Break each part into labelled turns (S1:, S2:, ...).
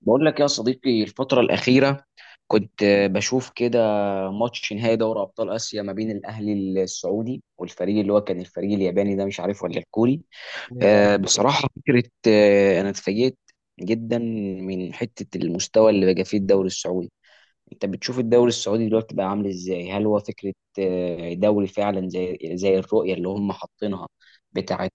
S1: بقول لك يا صديقي، الفترة الأخيرة كنت بشوف كده ماتش نهائي دوري أبطال آسيا ما بين الأهلي السعودي والفريق اللي هو كان الفريق الياباني ده، مش عارف ولا الكوري.
S2: ايوه.
S1: بصراحة فكرة. أنا اتفاجئت جدا من حتة المستوى اللي بقى فيه الدوري السعودي. انت بتشوف الدوري السعودي دلوقتي بقى عامل ازاي؟ هل هو فكرة دوري فعلا زي الرؤية اللي هم حاطينها، بتاعة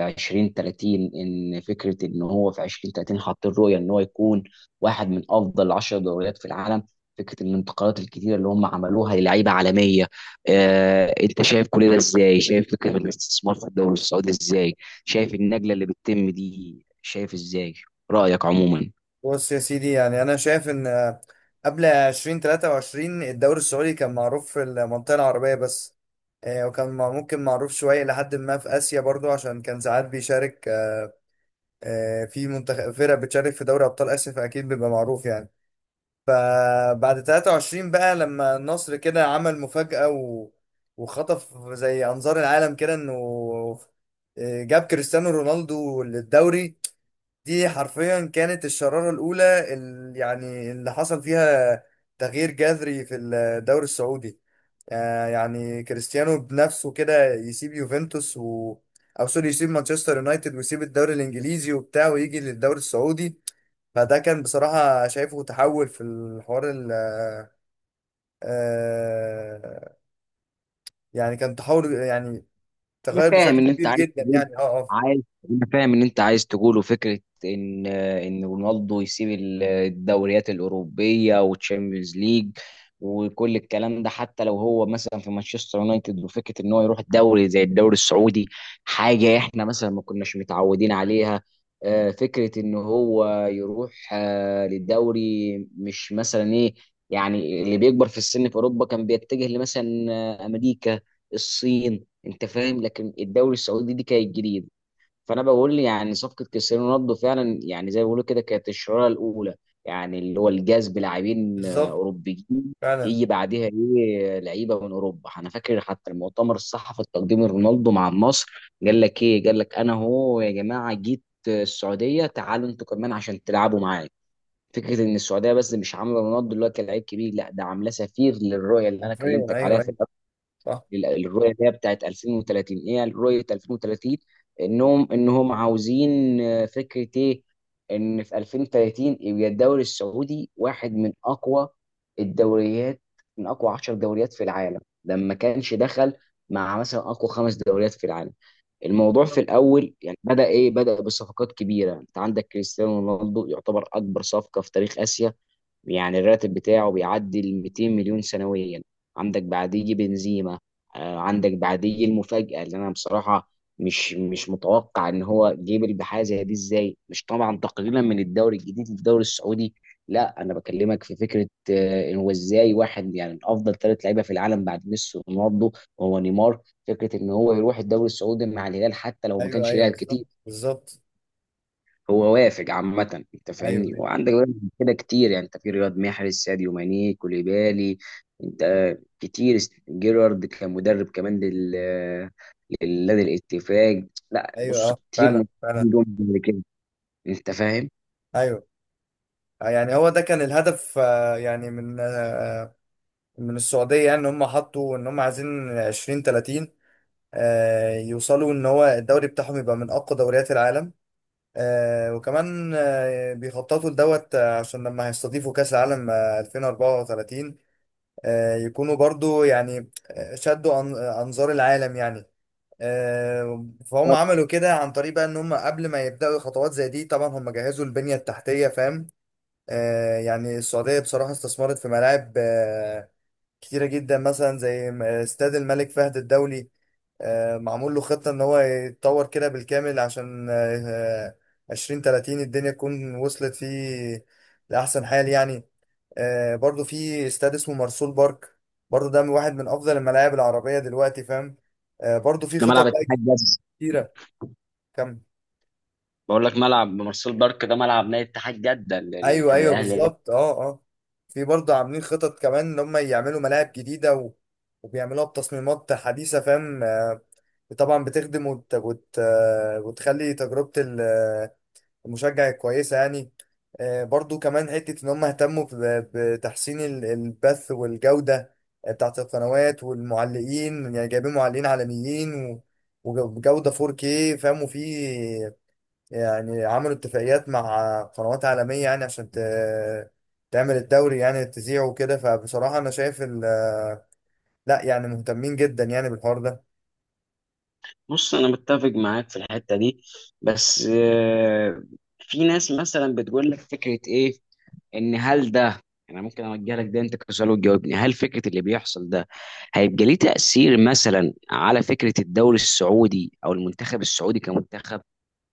S1: 2030؟ ان فكرة ان هو في 2030 حاطين رؤية ان هو يكون واحد من افضل 10 دوريات في العالم. فكرة الانتقالات الكتيرة اللي هم عملوها للعيبة عالمية. انت شايف كل ده ازاي؟ شايف فكرة الاستثمار في الدوري السعودي ازاي؟ شايف النقلة اللي بتتم دي؟ شايف ازاي رأيك عموما؟
S2: بص يا سيدي، يعني انا شايف ان قبل 2023 الدوري السعودي كان معروف في المنطقه العربيه بس. وكان ممكن معروف شويه لحد ما في اسيا برضو، عشان كان ساعات بيشارك في منتخب فرق بتشارك في دوري ابطال اسيا، فاكيد بيبقى معروف يعني. فبعد 23 بقى لما النصر كده عمل مفاجاه وخطف زي انظار العالم كده، انه جاب كريستيانو رونالدو للدوري. دي حرفيا كانت الشرارة الأولى يعني اللي حصل فيها تغيير جذري في الدوري السعودي. يعني كريستيانو بنفسه كده يسيب يوفنتوس أو سوري، يسيب مانشستر يونايتد ويسيب الدوري الإنجليزي وبتاع، ويجي للدوري السعودي. فده كان بصراحة شايفه تحول في الحوار ال آه، يعني كان تحول، يعني
S1: انا
S2: تغير
S1: فاهم
S2: بشكل
S1: ان انت
S2: كبير
S1: عايز
S2: جدا
S1: تقول
S2: يعني اه.
S1: عايز انا فاهم ان انت عايز تقوله فكره، ان رونالدو يسيب الدوريات الاوروبيه والتشامبيونز ليج، وكل الكلام ده، حتى لو هو مثلا في مانشستر يونايتد. وفكره ان هو يروح الدوري زي الدوري السعودي، حاجه احنا مثلا ما كناش متعودين عليها. فكره ان هو يروح للدوري، مش مثلا ايه؟ يعني اللي بيكبر في السن في اوروبا كان بيتجه لمثلا امريكا، الصين. انت فاهم، لكن الدوري السعودي دي كانت جديده. فانا بقول يعني صفقه كريستيانو رونالدو فعلا، يعني زي ما بيقولوا كده، كانت الشراره الاولى، يعني اللي هو الجذب لاعبين
S2: بالظبط.
S1: اوروبيين.
S2: فعلا.
S1: يجي بعدها ايه؟ لعيبه من اوروبا. انا فاكر حتى المؤتمر الصحفي التقديم رونالدو مع النصر، قال لك ايه؟ قال لك انا هو يا جماعه جيت السعوديه، تعالوا انتوا كمان عشان تلعبوا معايا. فكره ان السعوديه بس مش عامله رونالدو اللي هو كلاعب كبير، لا ده عاملاه سفير للرؤيه اللي انا
S2: حرفيا
S1: كلمتك عليها،
S2: ايوه
S1: في
S2: ايوه. صح.
S1: الرؤيه اللي هي بتاعت 2030. ايه رؤيه 2030؟ انهم عاوزين فكره ايه، ان في 2030 يبقى الدوري السعودي واحد من اقوى الدوريات، من اقوى 10 دوريات في العالم. ده ما كانش دخل مع مثلا اقوى خمس دوريات في العالم. الموضوع في الاول يعني بدا ايه؟ بدا بصفقات كبيره. انت عندك كريستيانو رونالدو يعتبر اكبر صفقه في تاريخ اسيا، يعني الراتب بتاعه بيعدي ال 200 مليون سنويا. عندك بعديه يجي بنزيما. عندك بعديه يجي المفاجأة اللي انا بصراحة مش متوقع ان هو جيبل بحاجة زي دي ازاي. مش طبعا تقليلا من الدوري الجديد للدوري السعودي، لا انا بكلمك في فكرة. إن هو ازاي واحد يعني من افضل ثلاث لعيبة في العالم بعد ميسي ورونالدو، وهو نيمار. فكرة ان هو يروح الدوري السعودي مع الهلال حتى لو ما
S2: ايوه
S1: كانش
S2: ايوه
S1: لاعب
S2: بالظبط
S1: كتير،
S2: بالظبط.
S1: هو وافق عامة. انت
S2: ايوه
S1: فاهمني؟
S2: ايوه.
S1: وعندك بقى كده كتير، يعني انت في رياض محرز، ساديو ماني، كوليبالي، انت كتير. جيرارد كان مدرب كمان للنادي الاتفاق. لا
S2: ايوه
S1: بص،
S2: اه
S1: كتير من
S2: فعلا فعلا.
S1: جمهور كده. انت فاهم.
S2: ايوه. يعني هو ده كان الهدف، يعني من من السعوديه، يعني ان هم حطوا ان هم عايزين 20 30. يوصلوا ان هو الدوري بتاعهم يبقى من اقوى دوريات العالم. وكمان بيخططوا لدوت عشان لما هيستضيفوا كاس العالم 2034، يكونوا برضو يعني انظار العالم يعني.
S1: طب،
S2: فهم عملوا كده عن طريق بقى ان هم قبل ما يبداوا خطوات زي دي، طبعا هم جهزوا البنيه التحتيه، فاهم؟ يعني السعوديه بصراحه استثمرت في ملاعب كتيره جدا، مثلا زي استاد الملك فهد الدولي. معمول له خطه ان هو يتطور كده بالكامل، عشان 2030 الدنيا تكون وصلت فيه لاحسن حال يعني. برضو في استاد اسمه مرسول بارك، برضو ده من واحد من افضل الملاعب العربيه دلوقتي، فاهم؟ برضو في
S1: ده ملعب
S2: خطط بقى
S1: اتحاد جده؟
S2: كتيره. كم؟
S1: بقول لك، ملعب مارسيل بارك ده ملعب نادي اتحاد جده اللي
S2: ايوه
S1: كان
S2: ايوه
S1: الاهلي، لا.
S2: بالظبط اه اه. في برضه عاملين خطط كمان ان هم يعملوا ملاعب جديده وبيعملوها بتصميمات حديثه، فاهم؟ طبعا بتخدم وت... وت... آه، وتخلي تجربه المشجع كويسه يعني. برضه كمان حته ان هم اهتموا بتحسين البث والجوده بتاعت القنوات والمعلقين، يعني جايبين معلقين عالميين وجوده 4K، فاهم؟ وفي يعني عملوا اتفاقيات مع قنوات عالمية، يعني عشان تعمل الدوري يعني تذيعه وكده. فبصراحة أنا شايف لا، يعني مهتمين جدا يعني بالحوار ده.
S1: بص، انا متفق معاك في الحته دي، بس في ناس مثلا بتقول لك فكره ايه، ان هل ده، انا ممكن اوجه لك ده انت كسؤال وتجاوبني، هل فكره اللي بيحصل ده هيبقى ليه تاثير مثلا على فكره الدوري السعودي او المنتخب السعودي كمنتخب؟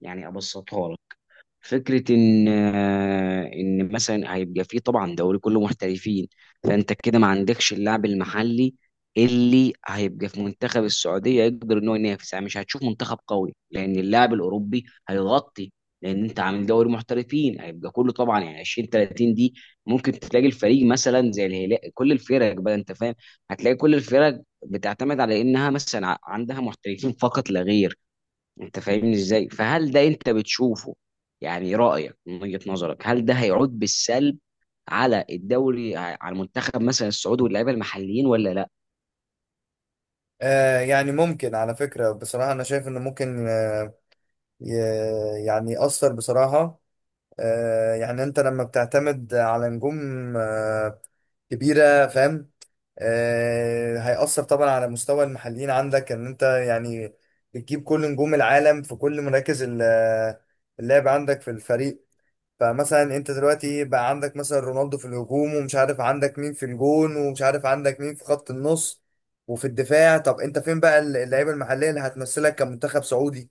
S1: يعني ابسطها لك. فكرة إن مثلا هيبقى فيه طبعا دوري كله محترفين. فأنت كده ما عندكش اللاعب المحلي اللي هيبقى في منتخب السعودية يقدر إن هو ينافس، يعني مش هتشوف منتخب قوي لأن اللاعب الأوروبي هيغطي، لأن أنت عامل دوري محترفين هيبقى كله طبعا، يعني 20 30 دي. ممكن تلاقي الفريق مثلا زي الهلال، كل الفرق بقى، أنت فاهم، هتلاقي كل الفرق بتعتمد على إنها مثلا عندها محترفين فقط لا غير. انت فاهمني ازاي؟ فهل ده انت بتشوفه، يعني رأيك من وجهة نظرك، هل ده هيعود بالسلب على الدوري، على المنتخب مثلا السعودي واللعيبه المحليين، ولا لا؟
S2: آه يعني ممكن على فكرة، بصراحة أنا شايف إنه ممكن ي... يعني يأثر بصراحة. آه يعني أنت لما بتعتمد على نجوم آه كبيرة، فاهم؟ هيأثر طبعا على مستوى المحليين عندك، ان انت يعني بتجيب كل نجوم العالم في كل مراكز اللعب عندك في الفريق. فمثلا انت دلوقتي بقى عندك مثلا رونالدو في الهجوم، ومش عارف عندك مين في الجون، ومش عارف عندك مين في خط النص وفي الدفاع. طب انت فين بقى اللعيبه المحليه اللي هتمثلك كمنتخب سعودي؟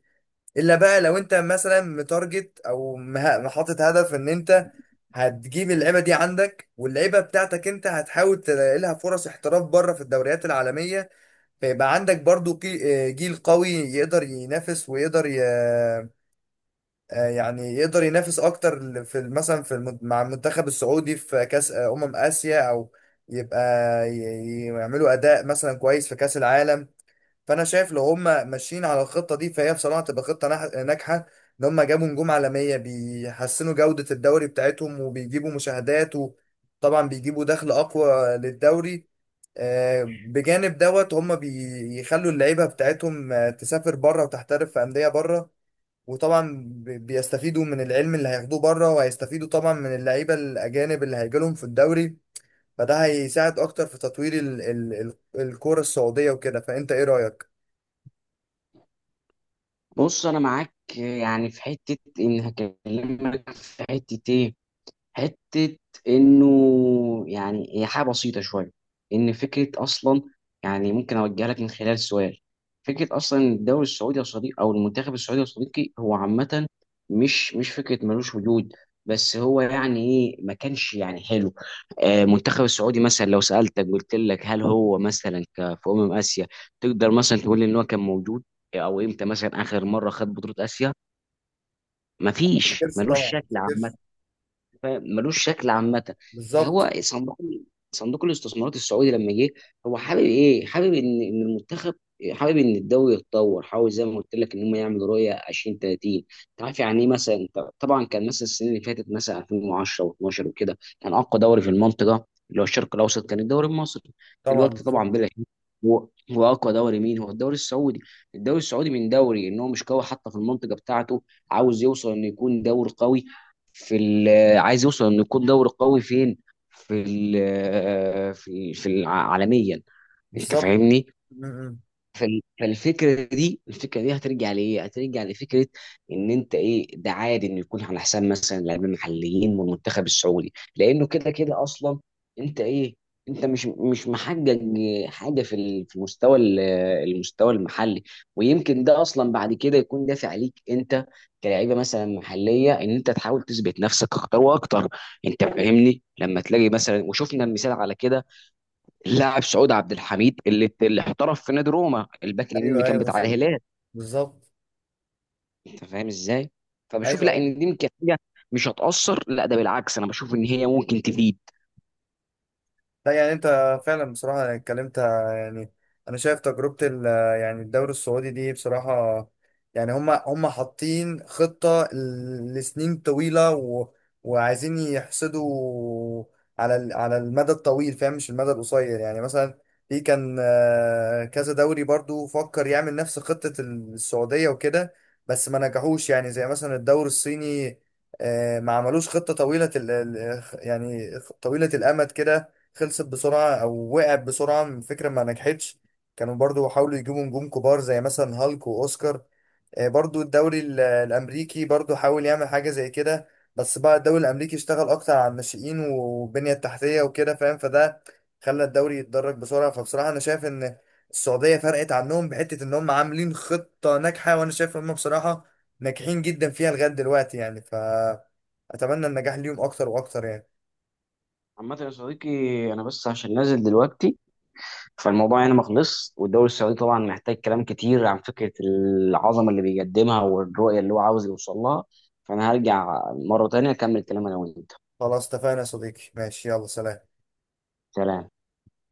S2: الا بقى لو انت مثلا متارجت او حاطط هدف ان انت هتجيب اللعيبه دي عندك، واللعيبه بتاعتك انت هتحاول تلاقي لها فرص احتراف بره في الدوريات العالميه، فيبقى عندك برضو جيل قوي يقدر ينافس ويقدر ي... آه، يعني يقدر ينافس اكتر في مثلا في مع المنتخب السعودي في كاس اسيا، او يبقى يعملوا اداء مثلا كويس في كاس العالم. فانا شايف لو هم ماشيين على الخطه دي، فهي بصراحه تبقى خطه ناجحه، ان هم جابوا نجوم عالميه بيحسنوا جوده الدوري بتاعتهم وبيجيبوا مشاهدات، وطبعا بيجيبوا دخل اقوى للدوري. بجانب دوت هم بيخلوا اللعيبه بتاعتهم تسافر بره وتحترف في انديه بره، وطبعا بيستفيدوا من العلم اللي هياخدوه بره، وهيستفيدوا طبعا من اللعيبه الاجانب اللي هيجيلهم في الدوري. فده هيساعد اكتر في تطوير الكوره السعوديه وكده. فانت ايه رايك؟
S1: بص، انا معاك يعني في حته، ان هكلمك في حته ايه، حتة إنه، يعني هي حاجة بسيطة شوية، إن فكرة أصلا، يعني ممكن أوجه لك من خلال سؤال. فكرة أصلا إن الدوري السعودي يا صديقي، أو المنتخب السعودي يا صديقي، هو عامة مش فكرة ملوش وجود، بس هو يعني إيه، ما كانش يعني حلو. المنتخب السعودي مثلا، لو سألتك قلت لك هل هو مثلا في أمم آسيا تقدر مثلا تقول لي إن هو كان موجود؟ أو إمتى مثلا آخر مرة خد بطولة آسيا؟
S2: ما
S1: مفيش،
S2: افتكرش طبعا
S1: ملوش
S2: ما
S1: شكل.
S2: افتكرش.
S1: فاهم؟ ملوش شكل عامه.
S2: بالظبط.
S1: فهو صندوق، صندوق الاستثمارات السعودي لما جه، هو حابب ايه؟ حابب ان المنتخب، حابب ان الدوري يتطور. حاول زي ما قلت لك ان هم يعملوا رؤيه 20 30. انت عارف يعني ايه؟ مثلا انت طبعا كان مثلا السنين اللي فاتت مثلا 2010 و12 وكده كان اقوى دوري في المنطقه، اللي هو الشرق الاوسط، كان الدوري المصري.
S2: طبعا
S1: دلوقتي
S2: بالظبط
S1: طبعا بلا شك، هو اقوى دوري مين؟ هو الدوري السعودي. الدوري السعودي من دوري ان هو مش قوي حتى في المنطقه بتاعته، عاوز يوصل انه يكون دوري قوي في، عايز يوصل انه يكون دوري قوي فين؟ في ال آه، في في الع- عالميا. انت
S2: بالظبط.
S1: فاهمني؟
S2: م- م.
S1: فالفكره دي هترجع لايه؟ هترجع لفكره ان انت ايه؟ ده عادي انه يكون على حساب مثلا لاعبين محليين والمنتخب السعودي، لانه كده كده اصلا. انت ايه؟ انت مش محقق حاجه في المستوى المستوى المحلي. ويمكن ده اصلا بعد كده يكون دافع ليك انت كلاعيبه مثلا محليه، ان انت تحاول تثبت نفسك اكتر واكتر. انت فاهمني؟ لما تلاقي مثلا، وشفنا المثال على كده، اللاعب سعود عبد الحميد اللي احترف في نادي روما، الباك اليمين اللي
S2: ايوه
S1: كان
S2: ايوه
S1: بتاع
S2: بالظبط
S1: الهلال.
S2: بالظبط.
S1: انت فاهم ازاي؟
S2: ايوه
S1: فبشوف لا،
S2: أيوه.
S1: ان دي يمكن حاجه مش هتاثر، لا ده بالعكس، انا بشوف ان هي ممكن تفيد.
S2: لا، يعني انت فعلا بصراحة يعني اتكلمت يعني. انا شايف تجربة يعني الدوري السعودي دي بصراحة، يعني هما حاطين خطة لسنين طويلة وعايزين يحصدوا على على المدى الطويل، فاهم؟ مش المدى القصير يعني. مثلا في كان كذا دوري برضو فكر يعمل نفس خطة السعودية وكده، بس ما نجحوش يعني، زي مثلا الدوري الصيني. ما عملوش خطة طويلة يعني طويلة الأمد كده، خلصت بسرعة أو وقعت بسرعة من فكرة ما نجحتش. كانوا برضو حاولوا يجيبوا نجوم كبار زي مثلا هالك وأوسكار. برضو الدوري الأمريكي برضو حاول يعمل حاجة زي كده، بس بقى الدوري الأمريكي اشتغل أكتر على الناشئين والبنية التحتية وكده، فاهم؟ فده خلى الدوري يتدرج بسرعة. فبصراحة أنا شايف إن السعودية فرقت عنهم بحتة إن هم عاملين خطة ناجحة، وأنا شايف إن هم بصراحة ناجحين جدا فيها لغاية دلوقتي يعني. فأتمنى النجاح ليهم أكتر وأكتر يعني.
S1: عامة يا صديقي، أنا بس عشان نازل دلوقتي، فالموضوع هنا ما خلص، والدوري السعودي طبعا محتاج كلام كتير عن فكرة العظمة اللي بيقدمها والرؤية اللي هو عاوز يوصل لها. فأنا هرجع مرة تانية أكمل كلام أنا وأنت.
S2: خلاص اتفقنا يا صديقي، ماشي، يلا سلام.
S1: سلام.